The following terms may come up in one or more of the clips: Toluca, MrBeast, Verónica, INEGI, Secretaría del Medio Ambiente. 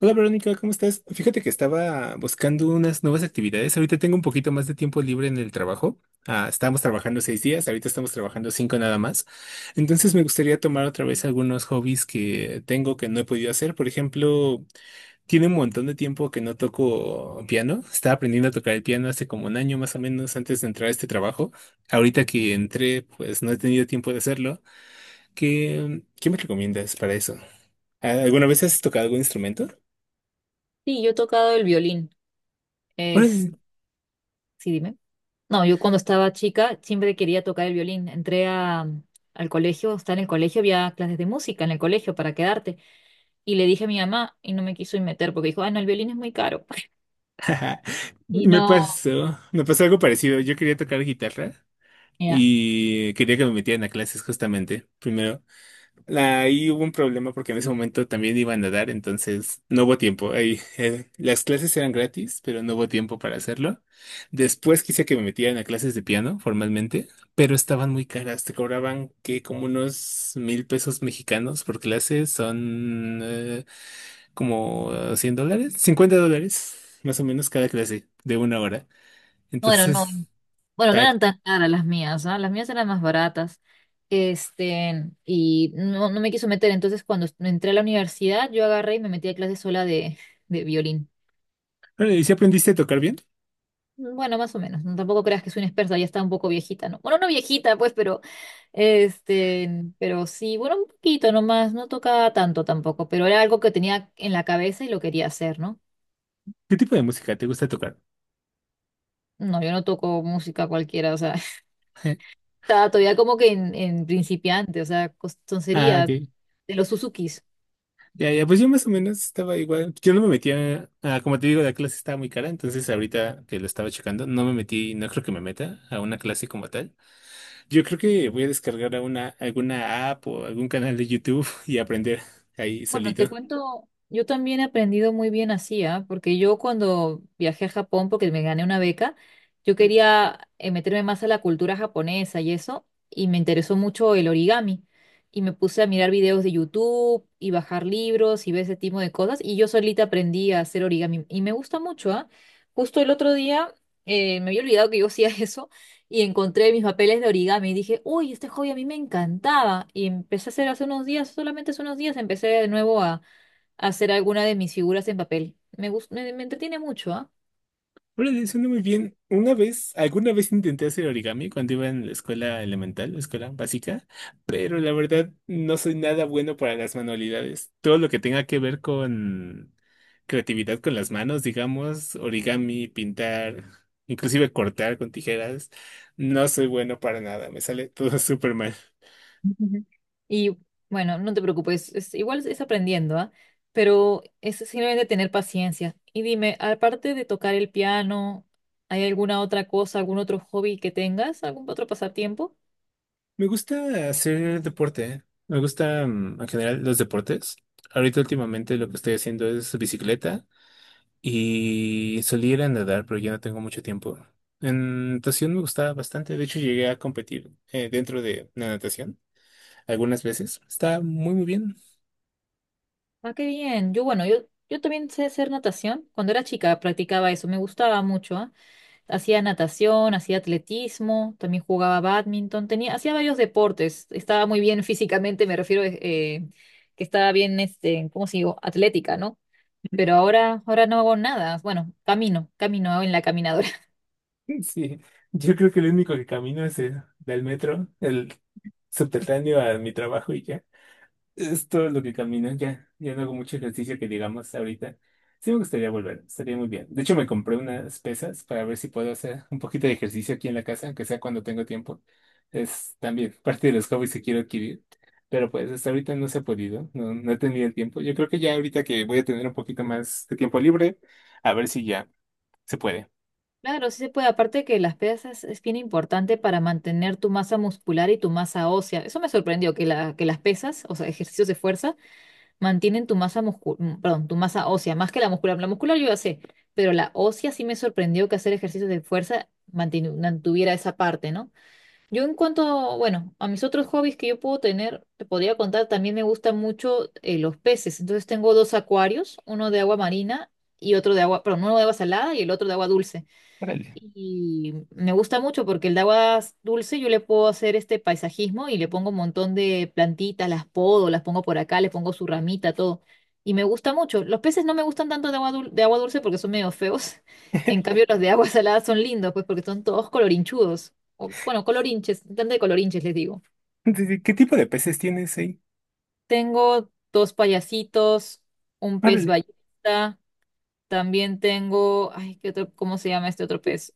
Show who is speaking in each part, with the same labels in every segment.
Speaker 1: Hola Verónica, ¿cómo estás? Fíjate que estaba buscando unas nuevas actividades. Ahorita tengo un poquito más de tiempo libre en el trabajo. Ah, estábamos trabajando 6 días, ahorita estamos trabajando cinco nada más. Entonces me gustaría tomar otra vez algunos hobbies que tengo que no he podido hacer. Por ejemplo, tiene un montón de tiempo que no toco piano. Estaba aprendiendo a tocar el piano hace como 1 año más o menos antes de entrar a este trabajo. Ahorita que entré, pues no he tenido tiempo de hacerlo. ¿Qué me recomiendas para eso? ¿Alguna vez has tocado algún instrumento?
Speaker 2: Sí, yo he tocado el violín. Es, sí, dime. No, yo cuando estaba chica siempre quería tocar el violín. Entré al colegio, estaba en el colegio, había clases de música en el colegio para quedarte. Y le dije a mi mamá y no me quiso ir meter porque dijo, ah, no, el violín es muy caro. Y
Speaker 1: Me
Speaker 2: no,
Speaker 1: pasó, me pasó algo parecido. Yo quería tocar guitarra
Speaker 2: ya.
Speaker 1: y quería que me metieran a clases justamente. Primero, ahí hubo un problema porque en ese momento también iba a nadar, entonces no hubo tiempo. Ahí, las clases eran gratis, pero no hubo tiempo para hacerlo. Después quise que me metieran a clases de piano formalmente, pero estaban muy caras. Te cobraban que como unos 1.000 pesos mexicanos por clase, son como $100, $50, más o menos cada clase de una hora.
Speaker 2: Bueno, no,
Speaker 1: Entonces,
Speaker 2: bueno, no
Speaker 1: tac.
Speaker 2: eran tan caras las mías, ¿ah? Las mías eran más baratas. Y no me quiso meter. Entonces, cuando entré a la universidad, yo agarré y me metí a clases sola de violín.
Speaker 1: Bueno, ¿y si aprendiste a tocar bien?
Speaker 2: Bueno, más o menos. No, tampoco creas que soy una experta, ya está un poco viejita, ¿no? Bueno, no viejita, pues, este, pero sí, bueno, un poquito nomás, no tocaba tanto tampoco, pero era algo que tenía en la cabeza y lo quería hacer, ¿no?
Speaker 1: ¿Qué tipo de música te gusta tocar?
Speaker 2: No, yo no toco música cualquiera, o sea, estaba todavía como que en principiante, o sea,
Speaker 1: Ah,
Speaker 2: tonterías
Speaker 1: ok.
Speaker 2: de los Suzukis.
Speaker 1: Ya, ya, pues yo más o menos estaba igual. Yo no me metía, ah, como te digo, la clase estaba muy cara, entonces ahorita que lo estaba checando, no me metí, no creo que me meta a una clase como tal. Yo creo que voy a descargar a una, alguna app o algún canal de YouTube y aprender ahí
Speaker 2: Bueno, te
Speaker 1: solito.
Speaker 2: cuento, yo también he aprendido muy bien así, ¿ah? Porque yo cuando viajé a Japón, porque me gané una beca, yo quería meterme más a la cultura japonesa y eso, y me interesó mucho el origami. Y me puse a mirar videos de YouTube y bajar libros y ver ese tipo de cosas, y yo solita aprendí a hacer origami. Y me gusta mucho, ¿ah? Justo el otro día, me había olvidado que yo hacía eso y encontré mis papeles de origami y dije, uy, este hobby a mí me encantaba. Y empecé a hacer hace unos días, solamente hace unos días, empecé de nuevo a hacer alguna de mis figuras en papel. Me entretiene mucho, ¿ah?
Speaker 1: Órale, suena muy bien. Una vez, alguna vez intenté hacer origami cuando iba en la escuela elemental, la escuela básica, pero la verdad no soy nada bueno para las manualidades. Todo lo que tenga que ver con creatividad con las manos, digamos, origami, pintar, inclusive cortar con tijeras, no soy bueno para nada. Me sale todo súper mal.
Speaker 2: Ujú. Y bueno, no te preocupes, igual es aprendiendo, ¿ah? Pero es simplemente tener paciencia. Y dime, aparte de tocar el piano, ¿hay alguna otra cosa, algún otro hobby que tengas, algún otro pasatiempo?
Speaker 1: Me gusta hacer deporte. Me gustan en general los deportes. Ahorita últimamente lo que estoy haciendo es bicicleta y solía ir a nadar, pero ya no tengo mucho tiempo. En natación me gustaba bastante. De hecho, llegué a competir dentro de la natación algunas veces. Está muy, muy bien.
Speaker 2: Ah, qué bien. Bueno, yo también sé hacer natación. Cuando era chica practicaba eso, me gustaba mucho, ¿ah? Hacía natación, hacía atletismo, también jugaba bádminton, hacía varios deportes. Estaba muy bien físicamente, me refiero que estaba bien, ¿cómo se digo? Atlética, ¿no? Pero ahora no hago nada. Bueno, camino en la caminadora.
Speaker 1: Sí, yo creo que lo único que camino es el del metro, el subterráneo a mi trabajo y ya. Es todo lo que camino, ya, ya no hago mucho ejercicio que digamos ahorita. Sí me gustaría volver, estaría muy bien. De hecho, me compré unas pesas para ver si puedo hacer un poquito de ejercicio aquí en la casa, aunque sea cuando tengo tiempo. Es también parte de los hobbies que quiero adquirir. Pero pues hasta ahorita no se ha podido, no, no he tenido el tiempo. Yo creo que ya ahorita que voy a tener un poquito más de tiempo libre, a ver si ya se puede.
Speaker 2: Claro, sí se puede. Aparte que las pesas es bien importante para mantener tu masa muscular y tu masa ósea. Eso me sorprendió, que las pesas, o sea, ejercicios de fuerza mantienen tu masa perdón, tu masa ósea, más que la muscular. La muscular yo ya sé, pero la ósea sí me sorprendió que hacer ejercicios de fuerza mantuviera esa parte, ¿no? Yo en cuanto, bueno, a mis otros hobbies que yo puedo tener, te podría contar, también me gustan mucho los peces. Entonces tengo dos acuarios, uno de agua marina y otro de agua, perdón, uno de agua salada y el otro de agua dulce.
Speaker 1: Órale.
Speaker 2: Y me gusta mucho porque el de agua dulce yo le puedo hacer este paisajismo y le pongo un montón de plantitas, las podo, las pongo por acá, le pongo su ramita, todo. Y me gusta mucho. Los peces no me gustan tanto de agua de agua dulce porque son medio feos. En cambio, los de agua salada son lindos, pues porque son todos colorinchudos. O, bueno, colorinches, tanto de colorinches les digo.
Speaker 1: Sí, sí, ¿qué tipo de peces tienes ahí?
Speaker 2: Tengo dos payasitos, un pez
Speaker 1: Órale.
Speaker 2: ballesta. También tengo, ay, ¿qué otro, cómo se llama este otro pez?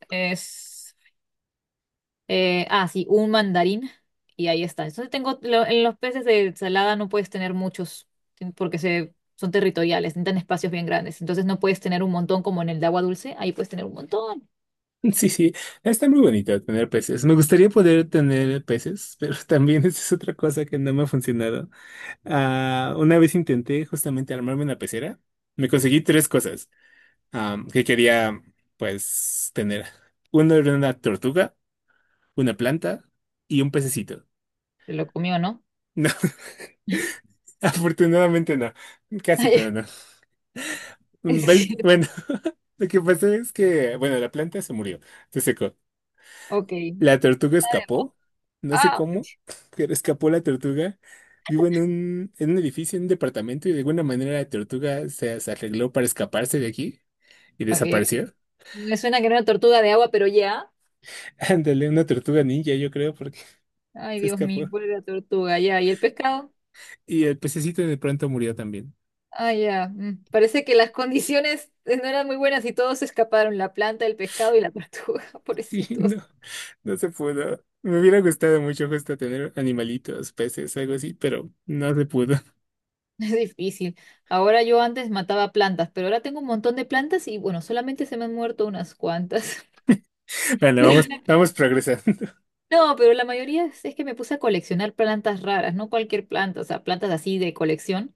Speaker 2: Ah, sí, un mandarín y ahí está. Entonces tengo, en los peces de ensalada no puedes tener muchos porque son territoriales, necesitan espacios bien grandes. Entonces no puedes tener un montón como en el de agua dulce, ahí puedes tener un montón.
Speaker 1: Sí, sí, está muy bonito tener peces. Me gustaría poder tener peces, pero también esa es otra cosa que no me ha funcionado. Ah, una vez intenté justamente armarme una pecera. Me conseguí tres cosas que quería, pues, tener. Uno era una tortuga, una planta y un pececito.
Speaker 2: Se lo comió, ¿no?
Speaker 1: No, afortunadamente no. Casi, pero no.
Speaker 2: Es
Speaker 1: ¿Ves?
Speaker 2: que,
Speaker 1: Bueno, lo que pasó es que, bueno, la planta se murió, se secó.
Speaker 2: ok.
Speaker 1: La tortuga escapó, no sé
Speaker 2: Ah,
Speaker 1: cómo, pero escapó la tortuga. Vivo en un edificio, en un departamento, y de alguna manera la tortuga se arregló para escaparse de aquí y
Speaker 2: ok.
Speaker 1: desapareció.
Speaker 2: Me suena que era una tortuga de agua, pero ya.
Speaker 1: Ándale, una tortuga ninja, yo creo, porque
Speaker 2: Ay,
Speaker 1: se
Speaker 2: Dios mío,
Speaker 1: escapó.
Speaker 2: ¿cuál era la tortuga? Ya, ¿y el pescado?
Speaker 1: Y el pececito de pronto murió también.
Speaker 2: Ah, ya. Parece que las condiciones no eran muy buenas y todos se escaparon, la planta, el pescado y la tortuga,
Speaker 1: Sí,
Speaker 2: pobrecitos.
Speaker 1: no, no se pudo. Me hubiera gustado mucho justo tener animalitos, peces, algo así, pero no se pudo.
Speaker 2: Es difícil. Ahora yo antes mataba plantas, pero ahora tengo un montón de plantas y bueno, solamente se me han muerto unas cuantas.
Speaker 1: Bueno,
Speaker 2: Pero
Speaker 1: vamos,
Speaker 2: la-
Speaker 1: vamos progresando.
Speaker 2: No, pero la mayoría es que me puse a coleccionar plantas raras, no cualquier planta, o sea, plantas así de colección.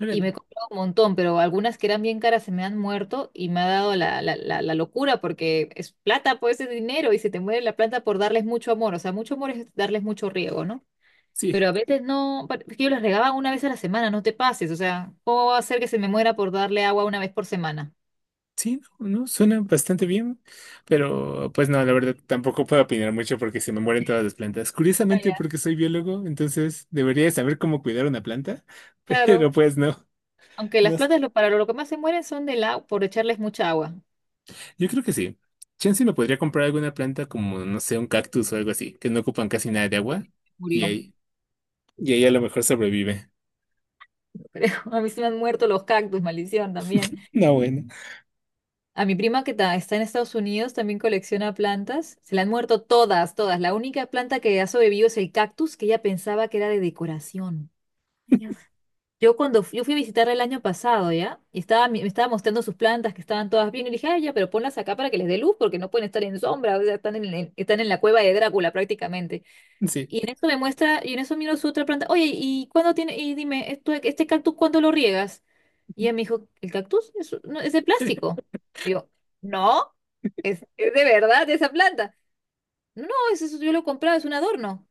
Speaker 2: Y me
Speaker 1: Órale,
Speaker 2: he comprado un montón, pero algunas que eran bien caras se me han muerto y me ha dado la locura porque es plata, pues es dinero y se te muere la planta por darles mucho amor. O sea, mucho amor es darles mucho riego, ¿no?
Speaker 1: sí.
Speaker 2: Pero a veces no, es que yo los regaba una vez a la semana, no te pases, o sea, ¿cómo va a ser que se me muera por darle agua una vez por semana?
Speaker 1: Sí, no, no, suena bastante bien, pero pues no, la verdad tampoco puedo opinar mucho porque se me mueren todas las plantas.
Speaker 2: Ah,
Speaker 1: Curiosamente,
Speaker 2: ya.
Speaker 1: porque soy biólogo, entonces debería de saber cómo cuidar una planta,
Speaker 2: Claro,
Speaker 1: pero pues no,
Speaker 2: aunque
Speaker 1: no.
Speaker 2: las plantas para lo que más se mueren son del agua, por echarles mucha agua.
Speaker 1: Yo creo que sí. Chance me podría comprar alguna planta como, no sé, un cactus o algo así, que no ocupan casi nada de agua
Speaker 2: Entonces,
Speaker 1: y
Speaker 2: murió,
Speaker 1: ahí, y ahí a lo mejor sobrevive.
Speaker 2: creo. A mí se me han muerto los cactus, maldición también.
Speaker 1: No, bueno.
Speaker 2: A mi prima que está en Estados Unidos también colecciona plantas. Se le han muerto todas, todas. La única planta que ha sobrevivido es el cactus que ella pensaba que era de decoración. Ay, Dios. Yo fui a visitarla el año pasado, ¿ya? Y me estaba mostrando sus plantas que estaban todas bien. Y le dije, ay, ya, pero ponlas acá para que les dé luz porque no pueden estar en sombra. O sea, están están en la cueva de Drácula prácticamente.
Speaker 1: Sí,
Speaker 2: Y en eso me muestra, y en eso miro su otra planta. Oye, ¿y cuándo tiene? Y dime, ¿este cactus cuándo lo riegas? Y ella me dijo, ¿el cactus? No, es de plástico. Y yo, no, es de verdad esa planta. No, no, es eso, yo lo compraba, es un adorno.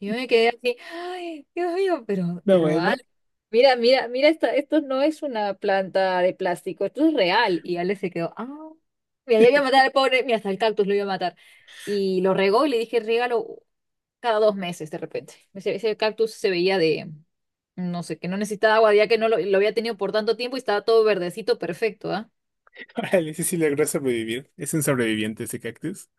Speaker 2: Y yo me quedé así, ay, Dios mío, pero,
Speaker 1: no,
Speaker 2: pero,
Speaker 1: bueno.
Speaker 2: mira, mira, mira, esto no es una planta de plástico, esto es real. Y Ale se quedó, ah, mira, yo iba a matar al pobre, mira, hasta el cactus lo iba a matar. Y lo regó y le dije, regalo cada dos meses de repente. Ese cactus se veía de, no sé, que no necesitaba agua, ya que no lo había tenido por tanto tiempo y estaba todo verdecito, perfecto, ¿ah?
Speaker 1: Órale, ese sí logró sobrevivir. Es un sobreviviente ese cactus.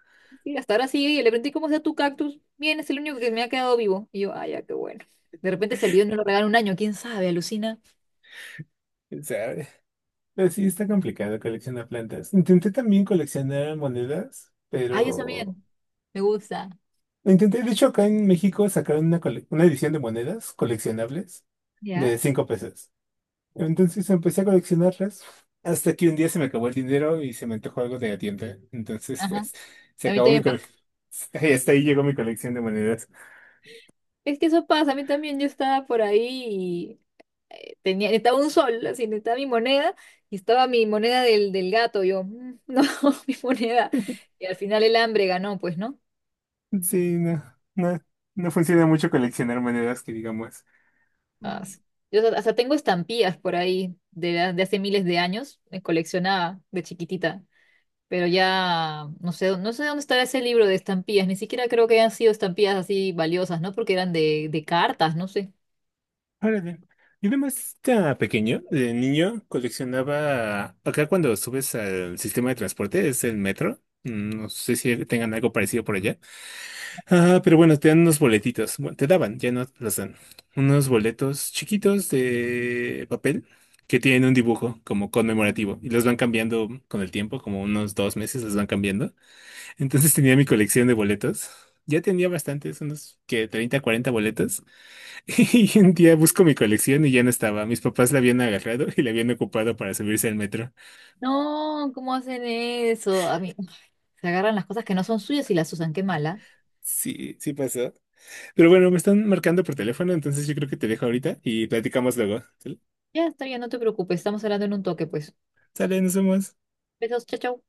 Speaker 2: Sí, hasta ahora sigue y le pregunté, ¿cómo está tu cactus? Bien, es el único que me ha quedado vivo. Y yo, ah, ya, qué bueno. De repente se olvidó y no lo regaló un año, quién sabe, alucina.
Speaker 1: ¿Sabe? Pero sí está complicado coleccionar plantas. Intenté también coleccionar monedas,
Speaker 2: Ah, yo
Speaker 1: pero
Speaker 2: también, me gusta.
Speaker 1: lo intenté, de hecho, acá en México sacaron una edición de monedas coleccionables
Speaker 2: ¿Ya?
Speaker 1: de 5 pesos. Entonces empecé a coleccionarlas hasta que un día se me acabó el dinero y se me antojó algo de la tienda. Entonces,
Speaker 2: Ajá.
Speaker 1: pues, se
Speaker 2: A mí
Speaker 1: acabó mi
Speaker 2: también.
Speaker 1: colección. Hasta ahí llegó mi colección de monedas.
Speaker 2: Es que eso pasa, a mí también yo estaba por ahí y estaba un sol, así, estaba mi moneda y estaba mi moneda del gato, yo, "Mm, no, mi moneda". Y al final el hambre ganó, pues, ¿no?
Speaker 1: Sí, no, no, no funciona mucho coleccionar monedas que digamos.
Speaker 2: Ah, sí. Yo hasta tengo estampillas por ahí de hace miles de años, me coleccionaba de chiquitita, pero ya no sé, no sé dónde estará ese libro de estampillas, ni siquiera creo que hayan sido estampillas así valiosas, ¿no? Porque eran de cartas, no sé.
Speaker 1: Órale. Yo además estaba pequeño, de niño, coleccionaba, acá cuando subes al sistema de transporte, es el metro, no sé si tengan algo parecido por allá, ah, pero bueno, te dan unos boletitos, bueno, te daban, ya no los dan, unos boletos chiquitos de papel que tienen un dibujo como conmemorativo y los van cambiando con el tiempo, como unos 2 meses los van cambiando. Entonces tenía mi colección de boletos, ya tenía bastantes, unos que 30 40 boletos. Y un día busco mi colección y ya no estaba. Mis papás la habían agarrado y la habían ocupado para subirse al metro.
Speaker 2: No, ¿cómo hacen eso? A mí, se agarran las cosas que no son suyas y las usan. Qué mala.
Speaker 1: Sí, sí pasó. Pero bueno, me están marcando por teléfono, entonces yo creo que te dejo ahorita y platicamos luego. ¿Sale?
Speaker 2: Ya está bien, no te preocupes. Estamos hablando en un toque, pues.
Speaker 1: Sale, nos vemos.
Speaker 2: Besos, chao, chao.